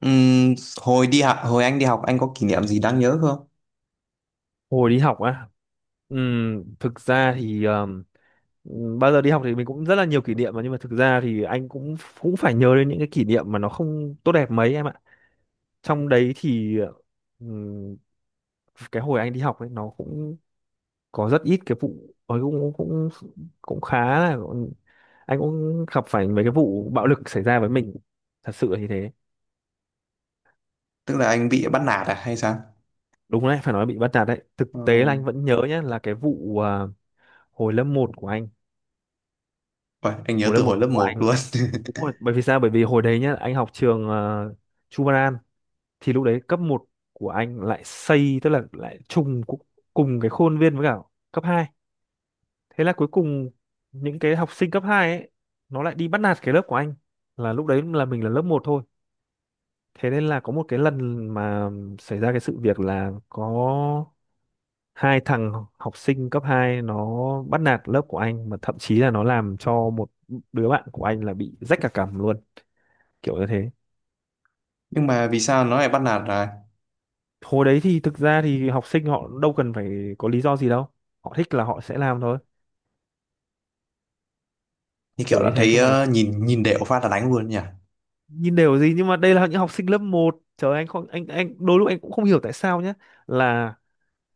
Ừm, hồi anh đi học anh có kỷ niệm gì đáng nhớ không? Hồi đi học á, thực ra thì bao giờ đi học thì mình cũng rất là nhiều kỷ niệm mà, nhưng mà thực ra thì anh cũng cũng phải nhớ đến những cái kỷ niệm mà nó không tốt đẹp mấy em ạ. Trong đấy thì ừm, cái hồi anh đi học ấy nó cũng có rất ít cái vụ ấy cũng cũng cũng khá là anh cũng gặp phải mấy cái vụ bạo lực xảy ra với mình, thật sự là như thế. Tức là anh bị bắt nạt à hay sao? Đúng đấy, phải nói bị bắt nạt đấy, thực Ờ. tế là anh vẫn nhớ nhá là cái vụ hồi lớp một của anh, Ôi, anh nhớ hồi lớp từ hồi một lớp của anh một luôn. đúng rồi, bởi vì sao? Bởi vì hồi đấy nhá, anh học trường uh, Chu Văn An thì lúc đấy cấp một của anh lại xây, tức là lại trùng cùng cái khuôn viên với cả cấp 2. Thế là cuối cùng những cái học sinh cấp 2 ấy nó lại đi bắt nạt cái lớp của anh, là lúc đấy là mình là lớp một thôi. Thế nên là có một cái lần mà xảy ra cái sự việc là có hai thằng học sinh cấp 2 nó bắt nạt lớp của anh, mà thậm chí là nó làm cho một đứa bạn của anh là bị rách cả cằm luôn. Kiểu như thế. Nhưng mà vì sao nó lại bắt nạt à? Hồi đấy thì thực ra thì học sinh họ đâu cần phải có lý do gì đâu, họ thích là họ sẽ làm thôi, Như kiểu kiểu như là thế thấy cơ mà. Nhìn nhìn đều phát là đánh luôn nhỉ. Nhìn đều gì nhưng mà đây là những học sinh lớp một, trời, anh không, anh đôi lúc anh cũng không hiểu tại sao nhé, là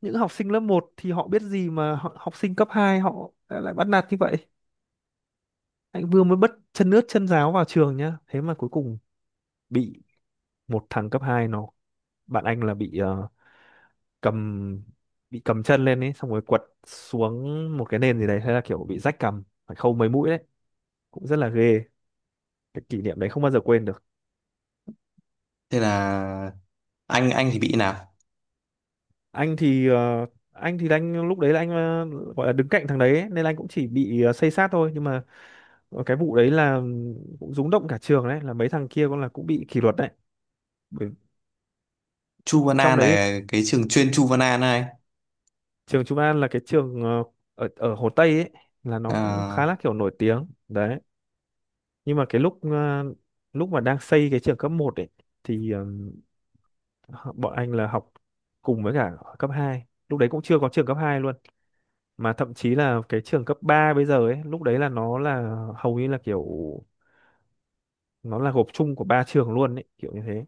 những học sinh lớp một thì họ biết gì mà họ, học sinh cấp 2 họ lại bắt nạt như vậy. Anh vừa mới bất chân ướt chân ráo vào trường nhá, thế mà cuối cùng bị một thằng cấp 2 nó, bạn anh là bị cầm, bị cầm chân lên ấy xong rồi quật xuống một cái nền gì đấy, thế là kiểu bị rách cầm phải khâu mấy mũi đấy, cũng rất là ghê, cái kỷ niệm đấy không bao giờ quên được. Thế là anh thì bị nào? Anh thì ờ, anh thì anh lúc đấy là anh gọi là đứng cạnh thằng đấy ấy, nên anh cũng chỉ bị xây xát thôi, nhưng mà cái vụ đấy là cũng rúng động cả trường đấy, là mấy thằng kia cũng là cũng bị kỷ luật đấy. Bởi- Chu Văn Trong An đấy thì là cái trường chuyên Chu Văn An này. trường Trung An là cái trường ở ở Hồ Tây ấy, là nó cũng khá À, là kiểu nổi tiếng đấy. Nhưng mà lúc mà đang xây cái trường cấp một ấy thì bọn anh là học cùng với cả cấp hai, lúc đấy cũng chưa có trường cấp 2 luôn, mà thậm chí là cái trường cấp 3 bây giờ ấy lúc đấy là nó là hầu như là kiểu nó là gộp chung của ba trường luôn ấy, kiểu như thế.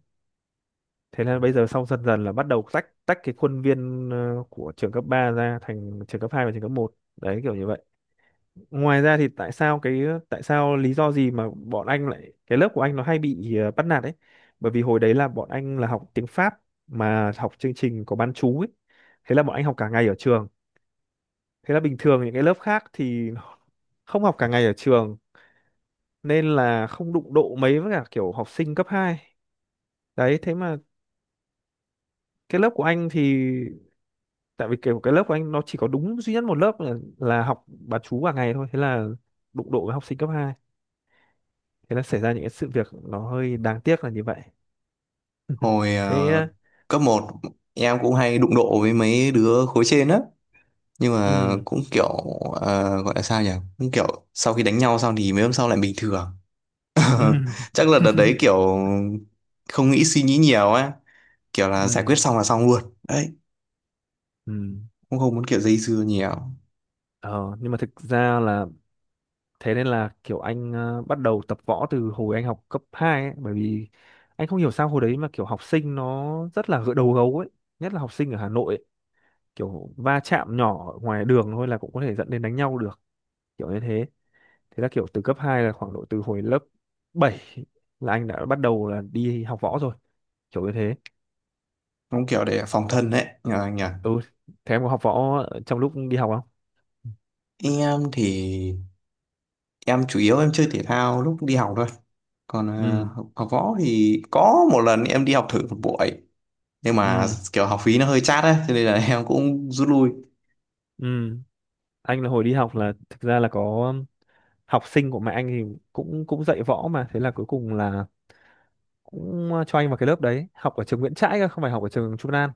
Thế nên bây giờ sau dần dần là bắt đầu tách tách cái khuôn viên của trường cấp 3 ra thành trường cấp 2 và trường cấp một đấy, kiểu như vậy. Ngoài ra thì tại sao lý do gì mà bọn anh lại cái lớp của anh nó hay bị bắt nạt ấy, bởi vì hồi đấy là bọn anh là học tiếng Pháp mà học chương trình có bán trú ấy, thế là bọn anh học cả ngày ở trường. Thế là bình thường những cái lớp khác thì không học cả ngày ở trường nên là không đụng độ mấy với cả kiểu học sinh cấp hai. Đấy, thế mà cái lớp của anh thì tại vì kiểu cái lớp của anh nó chỉ có đúng duy nhất một lớp là học bán trú cả ngày thôi, thế là đụng độ với học sinh cấp hai. Thế là xảy ra những cái sự việc nó hơi đáng tiếc là như vậy. hồi Thế cấp một em cũng hay đụng độ với mấy đứa khối trên á. Nhưng mà ừ, cũng kiểu gọi là sao nhỉ? Cũng kiểu sau khi đánh nhau xong thì mấy hôm sau lại bình thường, ừ. chắc là đợt đấy kiểu không suy nghĩ nhiều á, kiểu là giải quyết Ừ, xong là xong luôn đấy, ừ. cũng không muốn kiểu dây dưa nhiều, Ờ, nhưng mà thực ra là thế nên là kiểu anh bắt đầu tập võ từ hồi anh học cấp 2 ấy, bởi vì anh không hiểu sao hồi đấy mà kiểu học sinh nó rất là gỡ đầu gấu ấy, nhất là học sinh ở Hà Nội ấy. Kiểu va chạm nhỏ ở ngoài đường thôi là cũng có thể dẫn đến đánh nhau được, kiểu như thế. Thế là kiểu từ cấp 2 là khoảng độ từ hồi lớp 7 là anh đã bắt đầu là đi học võ rồi, kiểu như thế. cũng kiểu để phòng thân đấy nhờ anh nhờ. Ừ, thế em có học võ trong lúc đi học không? Em thì em chủ yếu em chơi thể thao lúc đi học thôi, còn Ừ, học võ thì có một lần em đi học thử một buổi, nhưng mà ừ, kiểu học phí nó hơi chát á cho nên là em cũng rút lui. ừ. Anh là hồi đi học là thực ra là có học sinh của mẹ anh thì cũng cũng dạy võ mà, thế là cuối cùng là cũng cho anh vào cái lớp đấy học ở trường Nguyễn Trãi cơ, không phải học ở trường Trung An.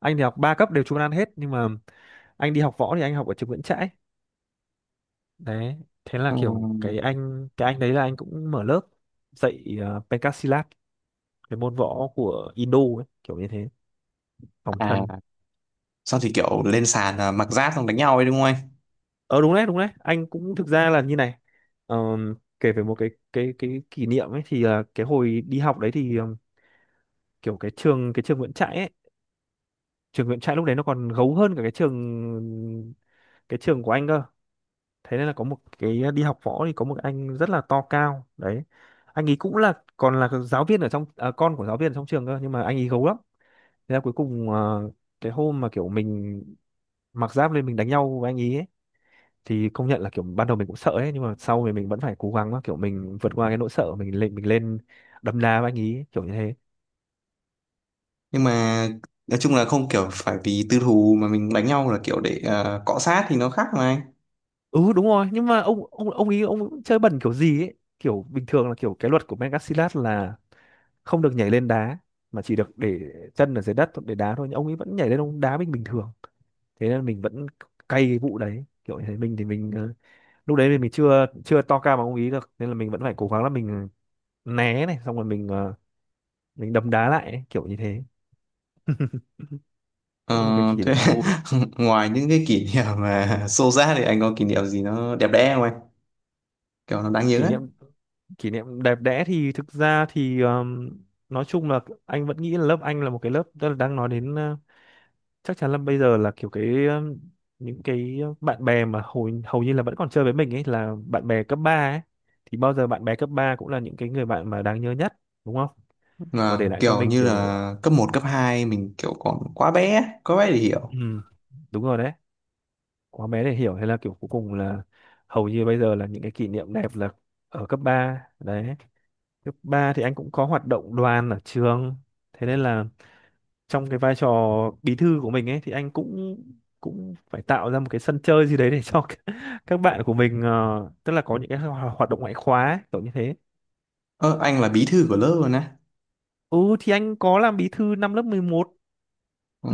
Anh thì học ba cấp đều Trung An hết, nhưng mà anh đi học võ thì anh học ở trường Nguyễn Trãi đấy. Thế là kiểu Ừm. Cái anh đấy là anh cũng mở lớp dạy Pencak, cái môn võ của Indo ấy, kiểu như thế, phòng thân. À, xong thì kiểu lên sàn là mặc giáp xong đánh nhau ấy đúng không anh? Ờ Đúng đấy, đúng đấy, anh cũng thực ra là như này. Ờm, Kể về một cái kỷ niệm ấy thì là cái hồi đi học đấy thì kiểu cái trường Nguyễn Trãi ấy, trường Nguyễn Trãi lúc đấy nó còn gấu hơn cả cái trường của anh cơ. Thế nên là có một cái đi học võ thì có một anh rất là to cao đấy, anh ấy cũng là còn là giáo viên ở trong con của giáo viên ở trong trường cơ, nhưng mà anh ấy gấu lắm. Thế là cuối cùng cái hôm mà kiểu mình mặc giáp lên mình đánh nhau với anh ấy, ấy, thì công nhận là kiểu ban đầu mình cũng sợ ấy, nhưng mà sau thì mình vẫn phải cố gắng kiểu mình vượt qua cái nỗi sợ, mình lên đấm đá với anh ấy, kiểu như thế. Nhưng mà nói chung là không kiểu phải vì tư thù mà mình đánh nhau là kiểu để cọ sát thì nó khác mà anh. Ừ đúng rồi, nhưng mà ông ý ông chơi bẩn kiểu gì ấy, kiểu bình thường là kiểu cái luật của Megacilat là không được nhảy lên đá mà chỉ được để chân ở dưới đất để đá thôi, nhưng ông ấy vẫn nhảy lên ông đá mình bình thường. Thế nên mình vẫn cay cái vụ đấy, kiểu như thế. Mình thì mình lúc đấy thì mình chưa chưa to cao bằng ông ý được, nên là mình vẫn phải cố gắng là mình né này xong rồi mình đấm đá lại ấy, kiểu như thế. Ờ, Cũng là một cái kỷ thế niệm vui. ngoài những cái kỷ niệm mà xô xát thì anh có kỷ niệm gì nó đẹp đẽ không anh, kiểu nó đáng nhớ kỷ ấy? niệm Kỷ niệm đẹp đẽ thì thực ra thì nói chung là anh vẫn nghĩ là lớp anh là một cái lớp, tức là đang nói đến chắc chắn là bây giờ là kiểu cái những cái bạn bè mà hầu hầu như là vẫn còn chơi với mình ấy là bạn bè cấp 3 ấy, thì bao giờ bạn bè cấp 3 cũng là những cái người bạn mà đáng nhớ nhất, đúng không? Và Mà để lại cho kiểu mình như kiểu là cấp một cấp 2 mình kiểu còn quá bé để hiểu. ừm, đúng rồi đấy. Quá bé để hiểu hay là kiểu cuối cùng là hầu như bây giờ là những cái kỷ niệm đẹp là ở cấp 3 đấy. Cấp 3 thì anh cũng có hoạt động đoàn ở trường. Thế nên là trong cái vai trò bí thư của mình ấy thì anh cũng cũng phải tạo ra một cái sân chơi gì đấy để cho các bạn của mình tức là có những cái hoạt động ngoại khóa ấy, kiểu như thế. Ơ, anh là bí thư của lớp luôn á? Ừ thì anh có làm bí thư năm lớp 11. Ồ.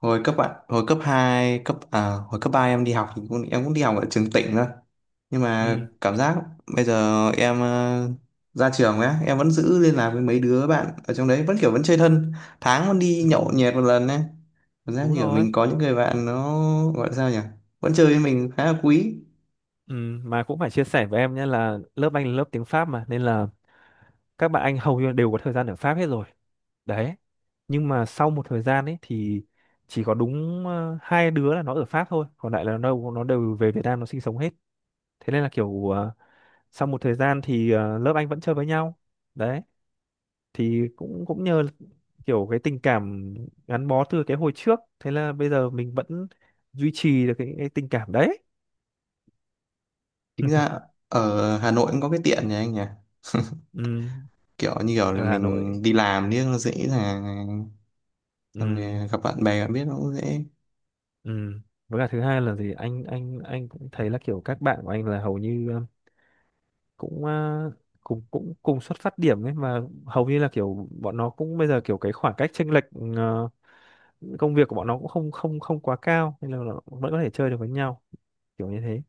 hồi cấp ạ hồi cấp 2 cấp à, Hồi cấp 3 em đi học thì cũng em cũng đi học ở trường tỉnh thôi, nhưng mà Ừ, cảm giác bây giờ em ra trường ấy em vẫn giữ liên lạc với mấy đứa bạn ở trong đấy vẫn kiểu vẫn chơi thân, tháng vẫn đi nhậu ừ nhẹt một lần ấy, cảm giác đúng như ở rồi. mình có những người bạn nó gọi là sao nhỉ, vẫn chơi với mình khá là quý. Ừ, mà cũng phải chia sẻ với em nhé là lớp anh là lớp tiếng Pháp mà nên là các bạn anh hầu như đều có thời gian ở Pháp hết rồi. Đấy, nhưng mà sau một thời gian ấy thì chỉ có đúng hai đứa là nó ở Pháp thôi, còn lại là nó đều về Việt Nam nó sinh sống hết. Thế nên là kiểu sau một thời gian thì lớp anh vẫn chơi với nhau đấy, thì cũng cũng nhờ kiểu cái tình cảm gắn bó từ cái hồi trước, thế là bây giờ mình vẫn duy trì được cái tình cảm đấy. Chính ra ở Hà Nội cũng có cái tiện nhỉ anh nhỉ, Ừ, kiểu như kiểu là ở Hà mình Nội. đi làm đi nó dễ là xong Ừ, rồi gặp bạn bè bạn biết nó cũng dễ. ừ. Với cả thứ hai là gì anh cũng thấy là kiểu các bạn của anh là hầu như cũng à, cùng xuất phát điểm ấy mà, hầu như là kiểu bọn nó cũng bây giờ kiểu cái khoảng cách chênh lệch ờ, công việc của bọn nó cũng không không không quá cao nên là nó vẫn có thể chơi được với nhau, kiểu như thế.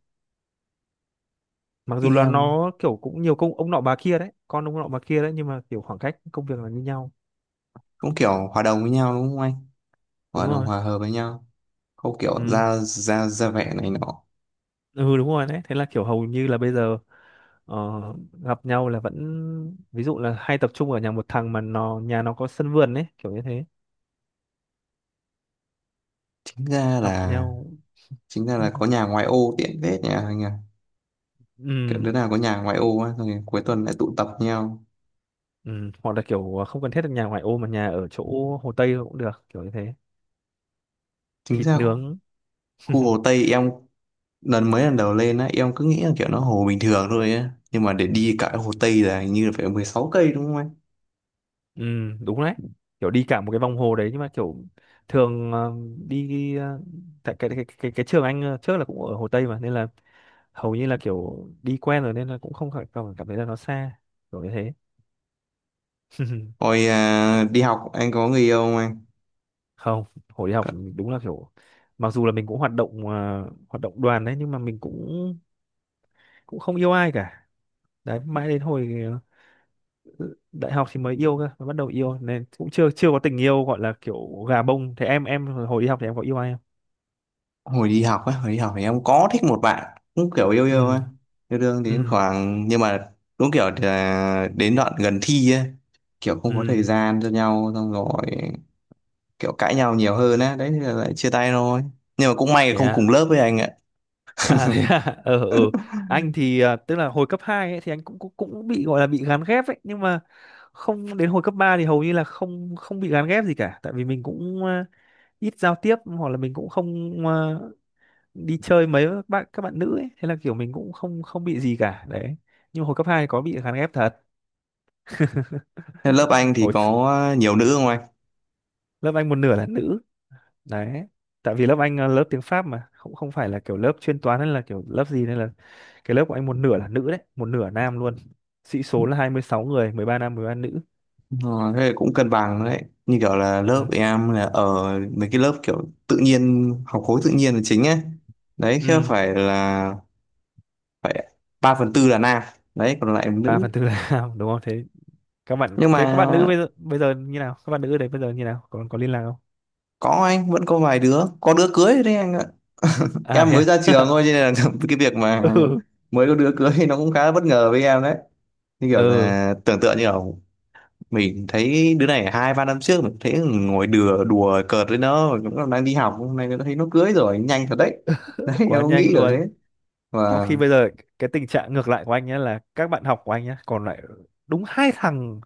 Mặc dù là Em nó kiểu cũng nhiều công ông nọ bà kia đấy, con ông nọ bà kia đấy, nhưng mà kiểu khoảng cách công việc là như nhau. cũng kiểu hòa đồng với nhau đúng không anh, Đúng gọi là rồi. hòa hợp với nhau, không kiểu Ừ, ra ra ra vẻ này nọ. ừ đúng rồi đấy, thế là kiểu hầu như là bây giờ ờ, gặp nhau là vẫn ví dụ là hay tập trung ở nhà một thằng mà nó nhà nó có sân vườn ấy, kiểu như thế. chính ra Gặp là nhau. chính ra là có nhà ngoại ô tiện vết nhà anh à, kiểu Ừ. đứa nào có nhà ngoại ô á rồi cuối tuần lại tụ tập nhau. Ừ, hoặc là kiểu không cần thiết là nhà ngoại ô mà nhà ở chỗ Hồ Tây cũng được, kiểu như thế. Chính Thịt ra nướng. khu Hồ Tây em lần đầu lên á em cứ nghĩ là kiểu nó hồ bình thường thôi á, nhưng mà để đi cả Hồ Tây là hình như là phải 16 cây đúng không anh? Ừ, đúng đấy, kiểu đi cả một cái vòng hồ đấy nhưng mà kiểu thường đi ờ, tại cái trường anh trước là cũng ở Hồ Tây mà nên là hầu như là kiểu đi quen rồi nên là cũng không cảm cảm cảm thấy là nó xa, kiểu như thế. Hồi đi học anh có người yêu không anh? Không, hồi đi học, đúng là kiểu mặc dù là mình cũng hoạt động hoạt động đoàn đấy nhưng mà mình cũng cũng không yêu ai cả đấy, mãi đến hồi đại học thì mới yêu cơ, mới bắt đầu yêu nên cũng chưa chưa có tình yêu gọi là kiểu gà bông thế. Em hồi đi học thì em có yêu ai không? Hồi đi học á, hồi đi học thì em có thích một bạn cũng kiểu yêu yêu Ừ. á, yêu đương đến Ừ. khoảng nhưng mà cũng kiểu là đến đoạn gần thi á, kiểu không có thời Ừ, gian cho nhau xong rồi kiểu cãi nhau nhiều hơn á đấy thì là lại chia tay thôi, nhưng mà cũng may là thế không cùng à? lớp với anh ạ. À thế à? Ờ ừ, ừ. Anh thì tức là hồi cấp 2 ấy, thì anh cũng cũng cũng bị gọi là bị gán ghép ấy, nhưng mà không, đến hồi cấp 3 thì hầu như là không không bị gán ghép gì cả, tại vì mình cũng ít giao tiếp hoặc là mình cũng không đi chơi mấy với các bạn nữ ấy, thế là kiểu mình cũng không không bị gì cả đấy, nhưng mà hồi cấp 2 có bị gán ghép thật. Thế lớp anh thì Hồi có nhiều nữ không anh? lớp Anh một nửa là nữ đấy, tại vì lớp Anh là lớp tiếng Pháp mà, không không phải là kiểu lớp chuyên toán hay là kiểu lớp gì nên là cái lớp của anh một nửa là nữ đấy, một nửa nam luôn. Sĩ số là 26 người, 13 nam 13 nữ. Ờ, thế là cũng cân bằng đấy, như kiểu là lớp Ừ. em là ở mấy cái lớp kiểu tự nhiên học khối tự nhiên là chính ấy, đấy chứ Ừ. Phải 3/4 là nam, đấy còn lại là 3 nữ. phần tư là nam đúng không? Thế các bạn, Nhưng mà thế các bạn nữ bây giờ, bây giờ như nào, các bạn nữ ở đấy bây giờ như nào, còn có liên lạc không? có anh vẫn có vài đứa có đứa cưới đấy anh ạ. À Em thế mới ra trường à? thôi cho nên là cái việc mà Ừ. mới có đứa cưới thì nó cũng khá là bất ngờ với em đấy, như kiểu Ừ, là tưởng tượng như kiểu mình thấy đứa này 2-3 năm trước mình thấy ngồi đùa đùa cợt với nó cũng còn đang đi học, hôm nay nó thấy nó cưới rồi, nhanh thật đấy. Đấy em quá cũng nghĩ nhanh kiểu thế luôn. Trong và. khi bây giờ cái tình trạng ngược lại của anh nhé, là các bạn học của anh nhé, còn lại đúng hai thằng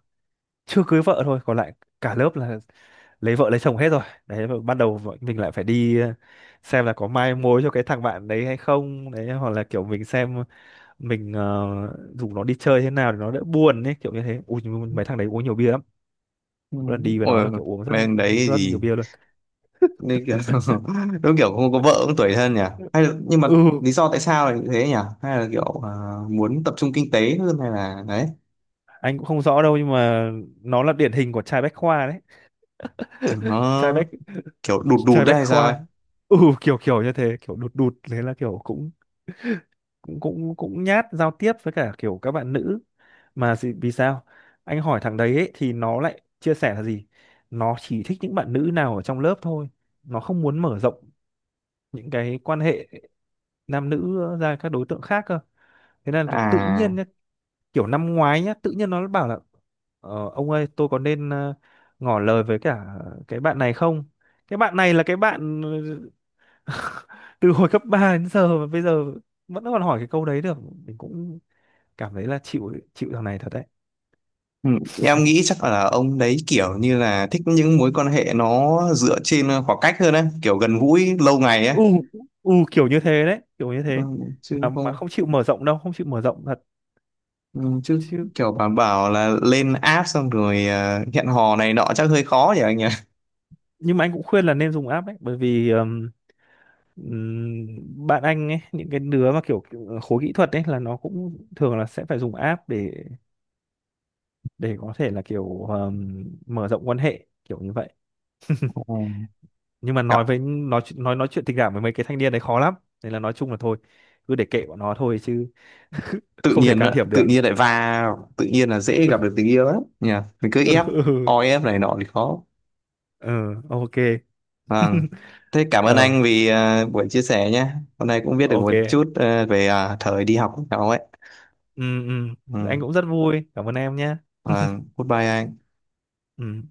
chưa cưới vợ thôi, còn lại cả lớp là lấy vợ lấy chồng hết rồi đấy, và bắt đầu mình lại phải đi xem là có mai mối cho cái thằng bạn đấy hay không đấy, hoặc là kiểu mình xem mình rủ nó đi chơi thế nào để nó đỡ buồn ấy, kiểu như thế. Ui nhưng mà mấy thằng đấy uống nhiều bia lắm, Ừ, một lần đi với nó ôi là kiểu uống rất bên đấy rất thì nhiều bia luôn. nên kiểu đúng kiểu không có vợ cũng tủi thân nhỉ, hay là, nhưng mà Ừ, lý do tại sao lại như thế nhỉ, hay là kiểu muốn tập trung kinh tế hơn hay là đấy, anh cũng không rõ đâu nhưng mà nó là điển hình của trai bách khoa đấy. kiểu trai nó bách kiểu đụt đụt Trai đấy bách hay sao ấy. khoa. Ừ kiểu, kiểu như thế, kiểu đụt đụt, thế là kiểu cũng cũng nhát giao tiếp với cả kiểu các bạn nữ. Mà vì sao anh hỏi thằng đấy ấy, thì nó lại chia sẻ là gì, nó chỉ thích những bạn nữ nào ở trong lớp thôi, nó không muốn mở rộng những cái quan hệ nam nữ ra các đối tượng khác cơ. Thế nên là tự À. nhiên nhá, kiểu năm ngoái nhá, tự nhiên nó bảo là ông ơi tôi có nên ngỏ lời với cả cái bạn này không. Cái bạn này là cái bạn từ hồi cấp 3 đến giờ mà bây giờ vẫn còn hỏi cái câu đấy được, mình cũng cảm thấy là chịu chịu thằng này thật đấy. Ừ, em nghĩ chắc là ông đấy kiểu như là thích những mối quan hệ nó dựa trên khoảng cách hơn ấy, kiểu gần gũi lâu ngày ấy. U, u kiểu như thế đấy, kiểu như Ừ, thế. chứ Mà không. không chịu mở rộng đâu, không chịu mở rộng thật Ừ, chứ chứ. kiểu bảo bảo là lên app xong rồi hẹn hò này nọ chắc hơi khó nhỉ anh nhỉ. Nhưng mà anh cũng khuyên là nên dùng app ấy, bởi vì bạn anh ấy, những cái đứa mà kiểu, kiểu khối kỹ thuật ấy là nó cũng thường là sẽ phải dùng app để có thể là kiểu mở rộng quan hệ kiểu như vậy. Ừ. Nhưng mà nói chuyện tình cảm với mấy cái thanh niên đấy khó lắm, nên là nói chung là thôi, cứ để kệ bọn nó thôi chứ, Tự không thể nhiên can á, thiệp tự được. nhiên lại vào tự nhiên là dễ gặp được tình yêu lắm nhỉ, mình cứ Ừ, o ép này nọ thì khó. ừ, ok. Vâng, thế cảm ơn Ờ anh vì buổi chia sẻ nhé, hôm nay cũng biết được một ok, chút về thời đi học của cháu ấy. ừ, ừ. Anh Ừ. cũng rất vui, cảm ơn em nhé. Vâng, goodbye anh. Ừ.